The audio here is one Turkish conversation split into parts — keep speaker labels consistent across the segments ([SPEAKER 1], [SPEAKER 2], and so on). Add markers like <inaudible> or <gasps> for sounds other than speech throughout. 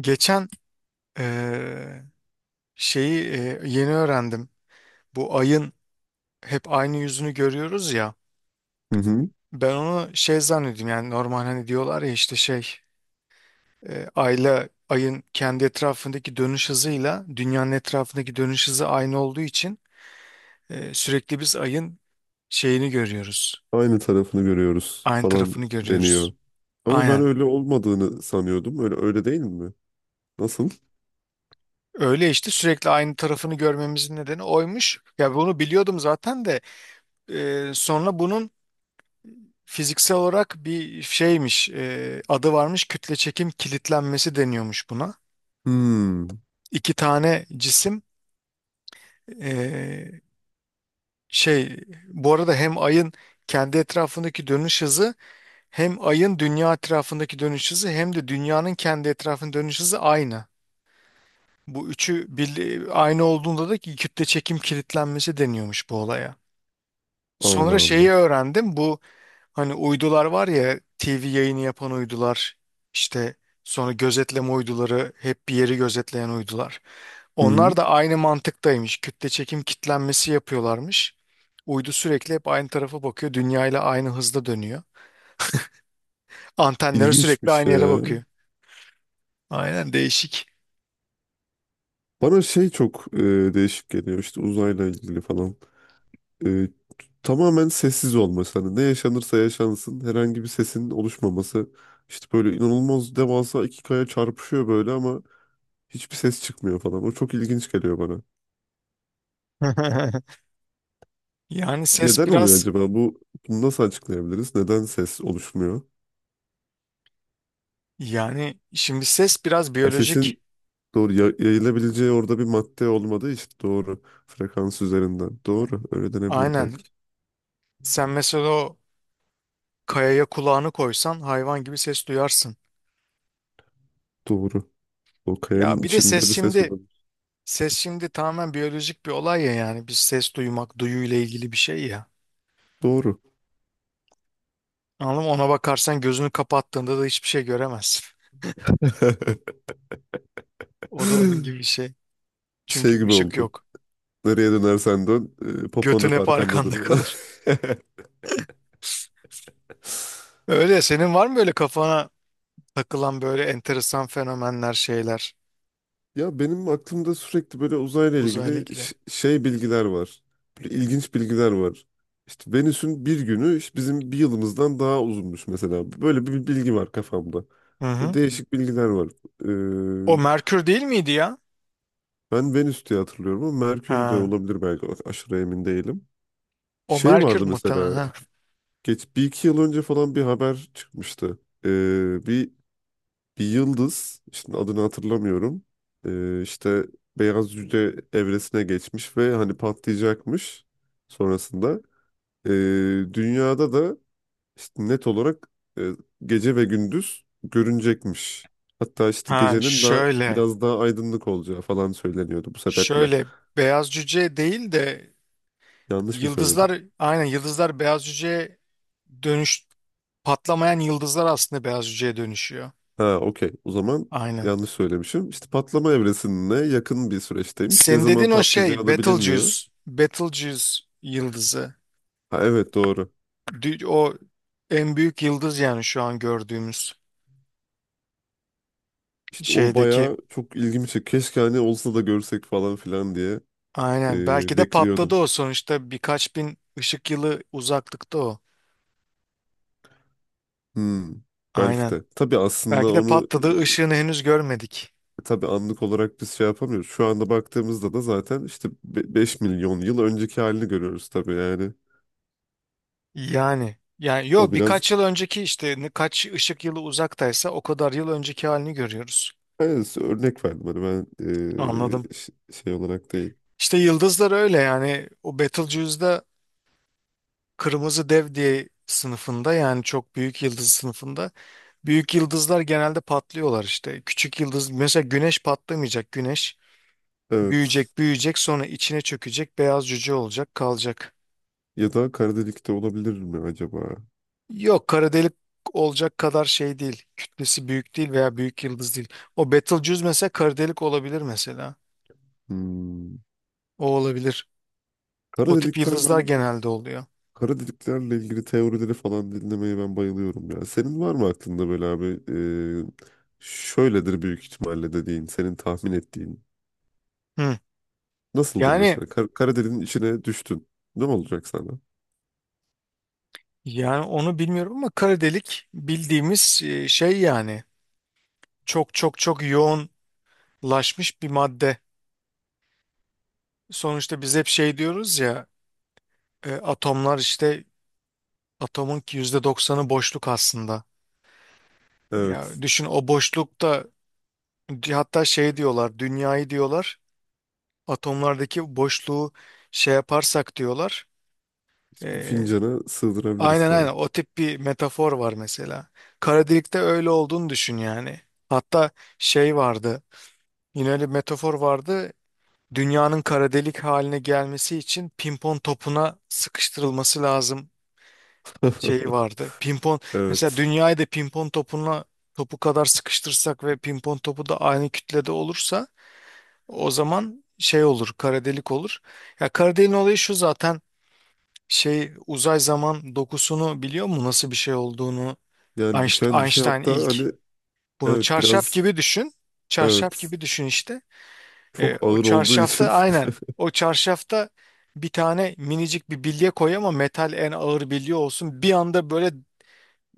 [SPEAKER 1] Geçen eee, şeyi yeni öğrendim. Bu ayın hep aynı yüzünü görüyoruz ya.
[SPEAKER 2] Hı hı.
[SPEAKER 1] Ben onu şey zannediyorum yani, normal hani diyorlar ya işte şey ayla ayın kendi etrafındaki dönüş hızıyla dünyanın etrafındaki dönüş hızı aynı olduğu için sürekli biz ayın şeyini görüyoruz.
[SPEAKER 2] Aynı tarafını görüyoruz
[SPEAKER 1] Aynı
[SPEAKER 2] falan
[SPEAKER 1] tarafını
[SPEAKER 2] deniyor.
[SPEAKER 1] görüyoruz.
[SPEAKER 2] Ama ben
[SPEAKER 1] Aynen.
[SPEAKER 2] öyle olmadığını sanıyordum. Öyle değil mi? Nasıl?
[SPEAKER 1] Öyle işte, sürekli aynı tarafını görmemizin nedeni oymuş. Ya bunu biliyordum zaten de sonra bunun fiziksel olarak bir şeymiş, adı varmış, kütle çekim kilitlenmesi deniyormuş buna.
[SPEAKER 2] Hmm.
[SPEAKER 1] İki tane cisim, e, şey, bu arada hem ayın kendi etrafındaki dönüş hızı, hem ayın dünya etrafındaki dönüş hızı, hem de dünyanın kendi etrafındaki dönüş hızı aynı. Bu üçü bir, aynı olduğunda da ki kütle çekim kilitlenmesi deniyormuş bu olaya. Sonra
[SPEAKER 2] Allah
[SPEAKER 1] şeyi
[SPEAKER 2] Allah.
[SPEAKER 1] öğrendim. Hani uydular var ya, TV yayını yapan uydular işte, sonra gözetleme uyduları, hep bir yeri gözetleyen uydular.
[SPEAKER 2] Hı hı.
[SPEAKER 1] Onlar da aynı mantıktaymış. Kütle çekim kitlenmesi yapıyorlarmış. Uydu sürekli hep aynı tarafa bakıyor. Dünya ile aynı hızda dönüyor. Antenleri sürekli
[SPEAKER 2] İlginçmiş
[SPEAKER 1] aynı yere
[SPEAKER 2] ya.
[SPEAKER 1] bakıyor. Aynen, değişik.
[SPEAKER 2] Bana şey çok değişik geliyor işte uzayla ilgili falan. E, tamamen sessiz olması. Hani ne yaşanırsa yaşansın herhangi bir sesin oluşmaması. İşte böyle inanılmaz devasa iki kaya çarpışıyor böyle ama hiçbir ses çıkmıyor falan. O çok ilginç geliyor bana.
[SPEAKER 1] <laughs> Yani ses
[SPEAKER 2] Neden oluyor
[SPEAKER 1] biraz
[SPEAKER 2] acaba? Bunu nasıl açıklayabiliriz? Neden ses oluşmuyor?
[SPEAKER 1] Yani şimdi ses biraz
[SPEAKER 2] Ha,
[SPEAKER 1] biyolojik.
[SPEAKER 2] sesin doğru yayılabileceği orada bir madde olmadığı için doğru. Frekans üzerinden. Doğru. Öyle denebilir
[SPEAKER 1] Aynen.
[SPEAKER 2] belki.
[SPEAKER 1] Sen mesela o kayaya kulağını koysan hayvan gibi ses duyarsın.
[SPEAKER 2] Doğru. O kayanın
[SPEAKER 1] Ya bir de ses
[SPEAKER 2] içinde bir ses
[SPEAKER 1] şimdi
[SPEAKER 2] olabilir.
[SPEAKER 1] ses şimdi tamamen biyolojik bir olay ya, yani bir ses duymak duyuyla ilgili bir şey ya.
[SPEAKER 2] Doğru.
[SPEAKER 1] Anladın mı? Ona bakarsan gözünü kapattığında da hiçbir şey göremezsin. <laughs>
[SPEAKER 2] <gasps>
[SPEAKER 1] O da onun gibi bir
[SPEAKER 2] <laughs>
[SPEAKER 1] şey.
[SPEAKER 2] Şey
[SPEAKER 1] Çünkü
[SPEAKER 2] gibi
[SPEAKER 1] ışık
[SPEAKER 2] oldu.
[SPEAKER 1] yok.
[SPEAKER 2] Nereye dönersen dön, popon
[SPEAKER 1] Götün
[SPEAKER 2] hep
[SPEAKER 1] hep arkanda
[SPEAKER 2] arkandadır.
[SPEAKER 1] kalır.
[SPEAKER 2] <laughs>
[SPEAKER 1] Öyle, senin var mı böyle kafana takılan böyle enteresan fenomenler, şeyler,
[SPEAKER 2] Ya benim aklımda sürekli böyle uzayla
[SPEAKER 1] uzayla
[SPEAKER 2] ilgili
[SPEAKER 1] ilgili?
[SPEAKER 2] şey bilgiler var. Böyle ilginç bilgiler var. İşte Venüs'ün bir günü işte bizim bir yılımızdan daha uzunmuş mesela. Böyle bir bilgi var kafamda.
[SPEAKER 1] Hı
[SPEAKER 2] Böyle
[SPEAKER 1] hı.
[SPEAKER 2] değişik bilgiler var.
[SPEAKER 1] O
[SPEAKER 2] Ee,
[SPEAKER 1] Merkür değil miydi ya?
[SPEAKER 2] ben Venüs diye hatırlıyorum ama Merkür de
[SPEAKER 1] Ha.
[SPEAKER 2] olabilir belki. Aşırı emin değilim.
[SPEAKER 1] O
[SPEAKER 2] Şey
[SPEAKER 1] Merkür
[SPEAKER 2] vardı
[SPEAKER 1] muhtemelen.
[SPEAKER 2] mesela.
[SPEAKER 1] Ha,
[SPEAKER 2] Geç bir iki yıl önce falan bir haber çıkmıştı. Ee, Bir Bir yıldız, şimdi adını hatırlamıyorum. İşte beyaz cüce evresine geçmiş ve hani patlayacakmış sonrasında. Ee, dünyada da işte net olarak e, gece ve gündüz görünecekmiş. Hatta işte
[SPEAKER 1] Ha,
[SPEAKER 2] gecenin daha
[SPEAKER 1] şöyle.
[SPEAKER 2] biraz daha aydınlık olacağı falan söyleniyordu bu sebeple.
[SPEAKER 1] Şöyle beyaz cüce değil de,
[SPEAKER 2] Yanlış mı söyledim?
[SPEAKER 1] yıldızlar, aynen yıldızlar beyaz cüceye dönüş, patlamayan yıldızlar aslında beyaz cüceye dönüşüyor.
[SPEAKER 2] Ha, okey. O zaman
[SPEAKER 1] Aynen.
[SPEAKER 2] yanlış söylemişim. İşte patlama evresine yakın bir süreçteymiş. Ne
[SPEAKER 1] Sen
[SPEAKER 2] zaman
[SPEAKER 1] dedin o şey,
[SPEAKER 2] patlayacağı da bilinmiyor.
[SPEAKER 1] Betelgeuse. Betelgeuse yıldızı.
[SPEAKER 2] Ha, evet doğru.
[SPEAKER 1] O en büyük yıldız, yani şu an gördüğümüz
[SPEAKER 2] İşte o
[SPEAKER 1] şeydeki.
[SPEAKER 2] bayağı çok ilgimi çekti. Keşke hani olsa da görsek falan filan diye
[SPEAKER 1] Aynen. Belki de patladı
[SPEAKER 2] bekliyordum.
[SPEAKER 1] o, sonuçta birkaç bin ışık yılı uzaklıkta o.
[SPEAKER 2] Hmm, belki
[SPEAKER 1] Aynen.
[SPEAKER 2] de. Tabii aslında
[SPEAKER 1] Belki de
[SPEAKER 2] onu
[SPEAKER 1] patladığı ışığını henüz görmedik.
[SPEAKER 2] tabii anlık olarak biz şey yapamıyoruz. Şu anda baktığımızda da zaten işte 5 milyon yıl önceki halini görüyoruz tabii yani.
[SPEAKER 1] Yani
[SPEAKER 2] O
[SPEAKER 1] yo,
[SPEAKER 2] biraz
[SPEAKER 1] birkaç yıl önceki işte, kaç ışık yılı uzaktaysa o kadar yıl önceki halini görüyoruz.
[SPEAKER 2] yani örnek verdim hani ben
[SPEAKER 1] Anladım.
[SPEAKER 2] şey olarak değil.
[SPEAKER 1] İşte yıldızlar öyle, yani o Betelgeuse'da kırmızı dev diye sınıfında, yani çok büyük yıldız sınıfında, büyük yıldızlar genelde patlıyorlar işte. Küçük yıldız mesela güneş patlamayacak, güneş
[SPEAKER 2] Evet.
[SPEAKER 1] büyüyecek büyüyecek, sonra içine çökecek, beyaz cüce olacak kalacak.
[SPEAKER 2] Ya da kara delik de olabilir mi acaba?
[SPEAKER 1] Yok, kara delik olacak kadar şey değil. Kütlesi büyük değil veya büyük yıldız değil. O Betelgeuse mesela kara delik olabilir mesela.
[SPEAKER 2] Hmm.
[SPEAKER 1] O olabilir.
[SPEAKER 2] Kara
[SPEAKER 1] O tip
[SPEAKER 2] delikler
[SPEAKER 1] yıldızlar
[SPEAKER 2] ben.
[SPEAKER 1] genelde oluyor.
[SPEAKER 2] Kara deliklerle ilgili teorileri falan dinlemeye ben bayılıyorum ya. Senin var mı aklında böyle abi? Şöyledir büyük ihtimalle dediğin, senin tahmin ettiğin.
[SPEAKER 1] Hı.
[SPEAKER 2] Nasıldır
[SPEAKER 1] Yani
[SPEAKER 2] mesela? Kara deliğin içine düştün. Ne olacak sana?
[SPEAKER 1] yani onu bilmiyorum ama kara delik bildiğimiz, şey yani, çok çok çok yoğunlaşmış bir madde. Sonuçta biz hep şey diyoruz ya, atomlar işte, atomun %90'ı boşluk aslında.
[SPEAKER 2] Evet.
[SPEAKER 1] Ya düşün o boşlukta, hatta şey diyorlar, dünyayı diyorlar, atomlardaki boşluğu şey yaparsak diyorlar.
[SPEAKER 2] Bir
[SPEAKER 1] Ee,
[SPEAKER 2] fincana sığdırabiliriz
[SPEAKER 1] aynen aynen,
[SPEAKER 2] falan.
[SPEAKER 1] o tip bir metafor var mesela. Kara delikte öyle olduğunu düşün yani. Hatta şey vardı, yine öyle bir metafor vardı. Dünyanın kara delik haline gelmesi için pimpon topuna sıkıştırılması lazım şeyi vardı.
[SPEAKER 2] <laughs>
[SPEAKER 1] Pimpon, mesela
[SPEAKER 2] Evet.
[SPEAKER 1] dünyayı da pimpon topuna, topu kadar sıkıştırsak ve pimpon topu da aynı kütlede olursa, o zaman şey olur, kara delik olur. Ya kara deliğin olayı şu zaten, şey uzay zaman dokusunu biliyor mu, nasıl bir şey olduğunu.
[SPEAKER 2] Yani
[SPEAKER 1] Einst-
[SPEAKER 2] büken bir şey
[SPEAKER 1] Einstein
[SPEAKER 2] hatta
[SPEAKER 1] ilk
[SPEAKER 2] hani
[SPEAKER 1] bunu,
[SPEAKER 2] evet
[SPEAKER 1] çarşaf
[SPEAKER 2] biraz
[SPEAKER 1] gibi düşün,
[SPEAKER 2] evet
[SPEAKER 1] işte.
[SPEAKER 2] çok
[SPEAKER 1] O
[SPEAKER 2] ağır olduğu
[SPEAKER 1] çarşafta,
[SPEAKER 2] için
[SPEAKER 1] aynen o çarşafta bir tane minicik bir bilye koy ama metal, en ağır bilye olsun, bir anda böyle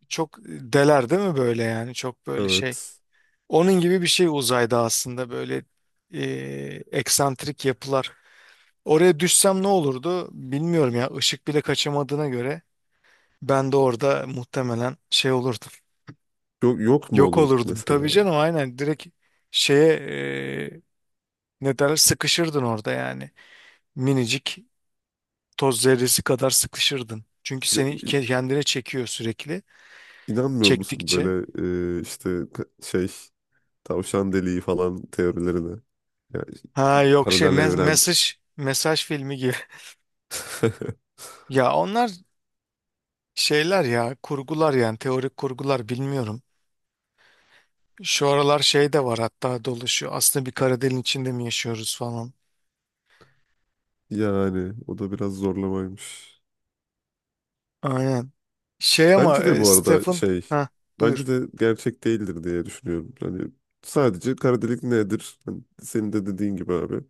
[SPEAKER 1] çok deler değil mi böyle, yani çok
[SPEAKER 2] <laughs>
[SPEAKER 1] böyle şey,
[SPEAKER 2] evet.
[SPEAKER 1] onun gibi bir şey uzayda aslında, böyle e, eksantrik yapılar. Oraya düşsem ne olurdu bilmiyorum ya, ışık bile kaçamadığına göre ben de orada muhtemelen şey olurdum.
[SPEAKER 2] Yok, yok mu
[SPEAKER 1] Yok
[SPEAKER 2] olurduk
[SPEAKER 1] olurdum. Tabii
[SPEAKER 2] mesela?
[SPEAKER 1] canım, aynen, direkt şeye, e, ne derler, sıkışırdın orada yani. Minicik, toz zerresi kadar sıkışırdın. Çünkü
[SPEAKER 2] Ya,
[SPEAKER 1] seni
[SPEAKER 2] i-
[SPEAKER 1] kendine çekiyor sürekli.
[SPEAKER 2] İnanmıyor musun
[SPEAKER 1] Çektikçe.
[SPEAKER 2] böyle şey tavşan deliği falan teorilerine. Yani
[SPEAKER 1] Ha yok, şey,
[SPEAKER 2] paralel
[SPEAKER 1] me-
[SPEAKER 2] evren.
[SPEAKER 1] mesaj mesaj filmi gibi. <laughs>
[SPEAKER 2] <laughs>
[SPEAKER 1] Ya onlar şeyler ya, kurgular, yani teorik kurgular, bilmiyorum. Şu aralar şey de var, hatta dolaşıyor, aslında bir kara deliğin içinde mi yaşıyoruz falan.
[SPEAKER 2] Yani o da biraz zorlamaymış.
[SPEAKER 1] Aynen. Şey ama,
[SPEAKER 2] Bence de bu arada
[SPEAKER 1] Stephen,
[SPEAKER 2] şey,
[SPEAKER 1] ha, buyur.
[SPEAKER 2] bence de gerçek değildir diye düşünüyorum. Hani sadece kara delik nedir? Hani senin de dediğin gibi abi.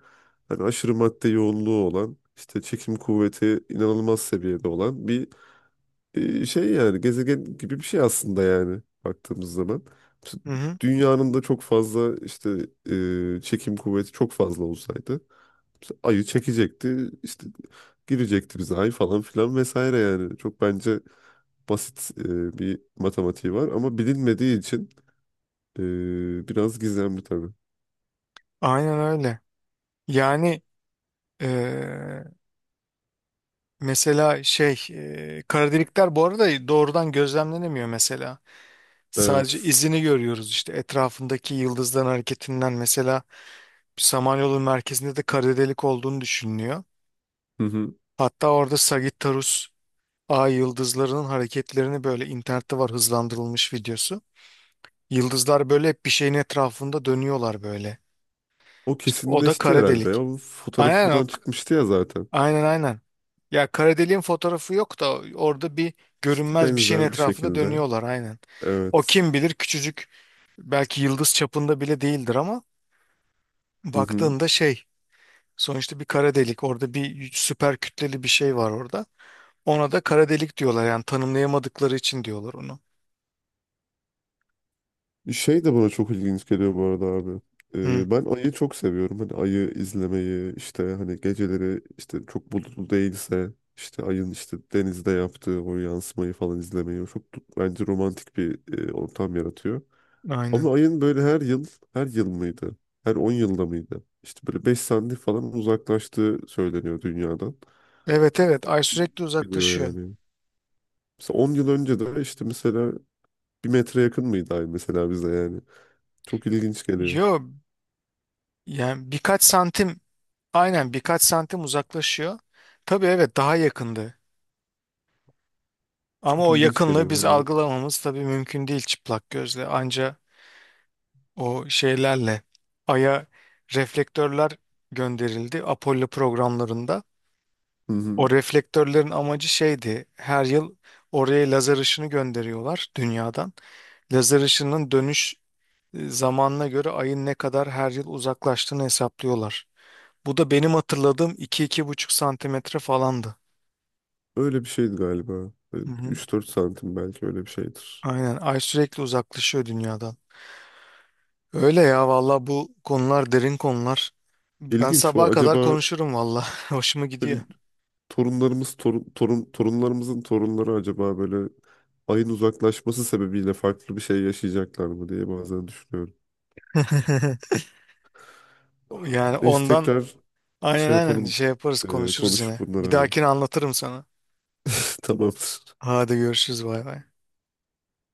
[SPEAKER 2] Hani aşırı madde yoğunluğu olan, işte çekim kuvveti inanılmaz seviyede olan bir şey yani gezegen gibi bir şey aslında yani baktığımız zaman. T-
[SPEAKER 1] Hı hı.
[SPEAKER 2] Dünyanın da çok fazla işte çekim kuvveti çok fazla olsaydı mesela ayı çekecekti işte girecekti bize ay falan filan vesaire yani. Çok bence basit bir matematiği var ama bilinmediği için biraz gizemli tabii.
[SPEAKER 1] Aynen öyle. Yani eee, mesela şey kara delikler bu arada doğrudan gözlemlenemiyor mesela. Sadece
[SPEAKER 2] Evet.
[SPEAKER 1] izini görüyoruz, işte etrafındaki yıldızların hareketinden mesela. Samanyolu merkezinde de kara delik olduğunu düşünülüyor.
[SPEAKER 2] Hı hı.
[SPEAKER 1] Hatta orada Sagittarius A yıldızlarının hareketlerini, böyle internette var hızlandırılmış videosu. Yıldızlar böyle hep bir şeyin etrafında dönüyorlar böyle.
[SPEAKER 2] O
[SPEAKER 1] İşte o da
[SPEAKER 2] kesinleşti
[SPEAKER 1] kara
[SPEAKER 2] herhalde.
[SPEAKER 1] delik.
[SPEAKER 2] O
[SPEAKER 1] Aynen
[SPEAKER 2] fotoğrafı
[SPEAKER 1] o.
[SPEAKER 2] falan çıkmıştı ya zaten.
[SPEAKER 1] Aynen, aynen. Ya kara deliğin fotoğrafı yok da, orada bir
[SPEAKER 2] İşte
[SPEAKER 1] görünmez bir şeyin
[SPEAKER 2] benzer bir
[SPEAKER 1] etrafında
[SPEAKER 2] şekilde.
[SPEAKER 1] dönüyorlar aynen. O
[SPEAKER 2] Evet.
[SPEAKER 1] kim bilir küçücük, belki yıldız çapında bile değildir ama
[SPEAKER 2] Hı hı.
[SPEAKER 1] baktığında şey, sonuçta bir kara delik orada, bir süper kütleli bir şey var orada. Ona da kara delik diyorlar, yani tanımlayamadıkları için diyorlar onu.
[SPEAKER 2] Şey de bana çok ilginç geliyor bu arada abi.
[SPEAKER 1] Hı,
[SPEAKER 2] Ben ayı çok seviyorum. Hani ayı izlemeyi işte hani geceleri işte çok bulutlu değilse işte ayın işte denizde yaptığı o yansımayı falan izlemeyi o çok bence romantik bir ortam yaratıyor.
[SPEAKER 1] aynen.
[SPEAKER 2] Ama ayın böyle her yıl mıydı? Her 10 yılda mıydı? İşte böyle 5 santim falan uzaklaştığı söyleniyor dünyadan.
[SPEAKER 1] Evet
[SPEAKER 2] Çok
[SPEAKER 1] evet, ay sürekli
[SPEAKER 2] geliyor
[SPEAKER 1] uzaklaşıyor.
[SPEAKER 2] yani. Mesela 10 yıl önce de işte mesela bir metre yakın mıydı ay mesela bize yani. Çok ilginç geliyor.
[SPEAKER 1] Yo yani birkaç santim, aynen birkaç santim uzaklaşıyor. Tabii, evet, daha yakındı. Ama
[SPEAKER 2] Çok
[SPEAKER 1] o
[SPEAKER 2] ilginç
[SPEAKER 1] yakınlığı
[SPEAKER 2] geliyor
[SPEAKER 1] biz
[SPEAKER 2] hani.
[SPEAKER 1] algılamamız tabii mümkün değil çıplak gözle. Anca o şeylerle Ay'a reflektörler gönderildi, Apollo programlarında.
[SPEAKER 2] Hı hı.
[SPEAKER 1] O reflektörlerin amacı şeydi: her yıl oraya lazer ışını gönderiyorlar dünyadan. Lazer ışının dönüş zamanına göre Ay'ın ne kadar her yıl uzaklaştığını hesaplıyorlar. Bu da benim hatırladığım 2-2,5 santimetre falandı.
[SPEAKER 2] Öyle bir şeydi galiba. Böyle
[SPEAKER 1] Hı hı.
[SPEAKER 2] 3-4 santim belki öyle bir şeydir.
[SPEAKER 1] Aynen, Ay sürekli uzaklaşıyor dünyadan. Öyle ya valla, bu konular derin konular. Ben
[SPEAKER 2] İlginç o
[SPEAKER 1] sabaha kadar
[SPEAKER 2] acaba
[SPEAKER 1] konuşurum valla. <laughs> Hoşuma gidiyor.
[SPEAKER 2] böyle torun torunlarımızın torunları acaba böyle ayın uzaklaşması sebebiyle farklı bir şey yaşayacaklar mı diye bazen düşünüyorum.
[SPEAKER 1] <laughs> Yani
[SPEAKER 2] Neyse
[SPEAKER 1] ondan,
[SPEAKER 2] tekrar
[SPEAKER 1] aynen
[SPEAKER 2] şey
[SPEAKER 1] aynen,
[SPEAKER 2] yapalım
[SPEAKER 1] şey yaparız, konuşuruz
[SPEAKER 2] konuşup
[SPEAKER 1] yine.
[SPEAKER 2] bunları
[SPEAKER 1] Bir
[SPEAKER 2] abi.
[SPEAKER 1] dahakine anlatırım sana.
[SPEAKER 2] <laughs> Tamamdır.
[SPEAKER 1] Hadi, görüşürüz, bay bay.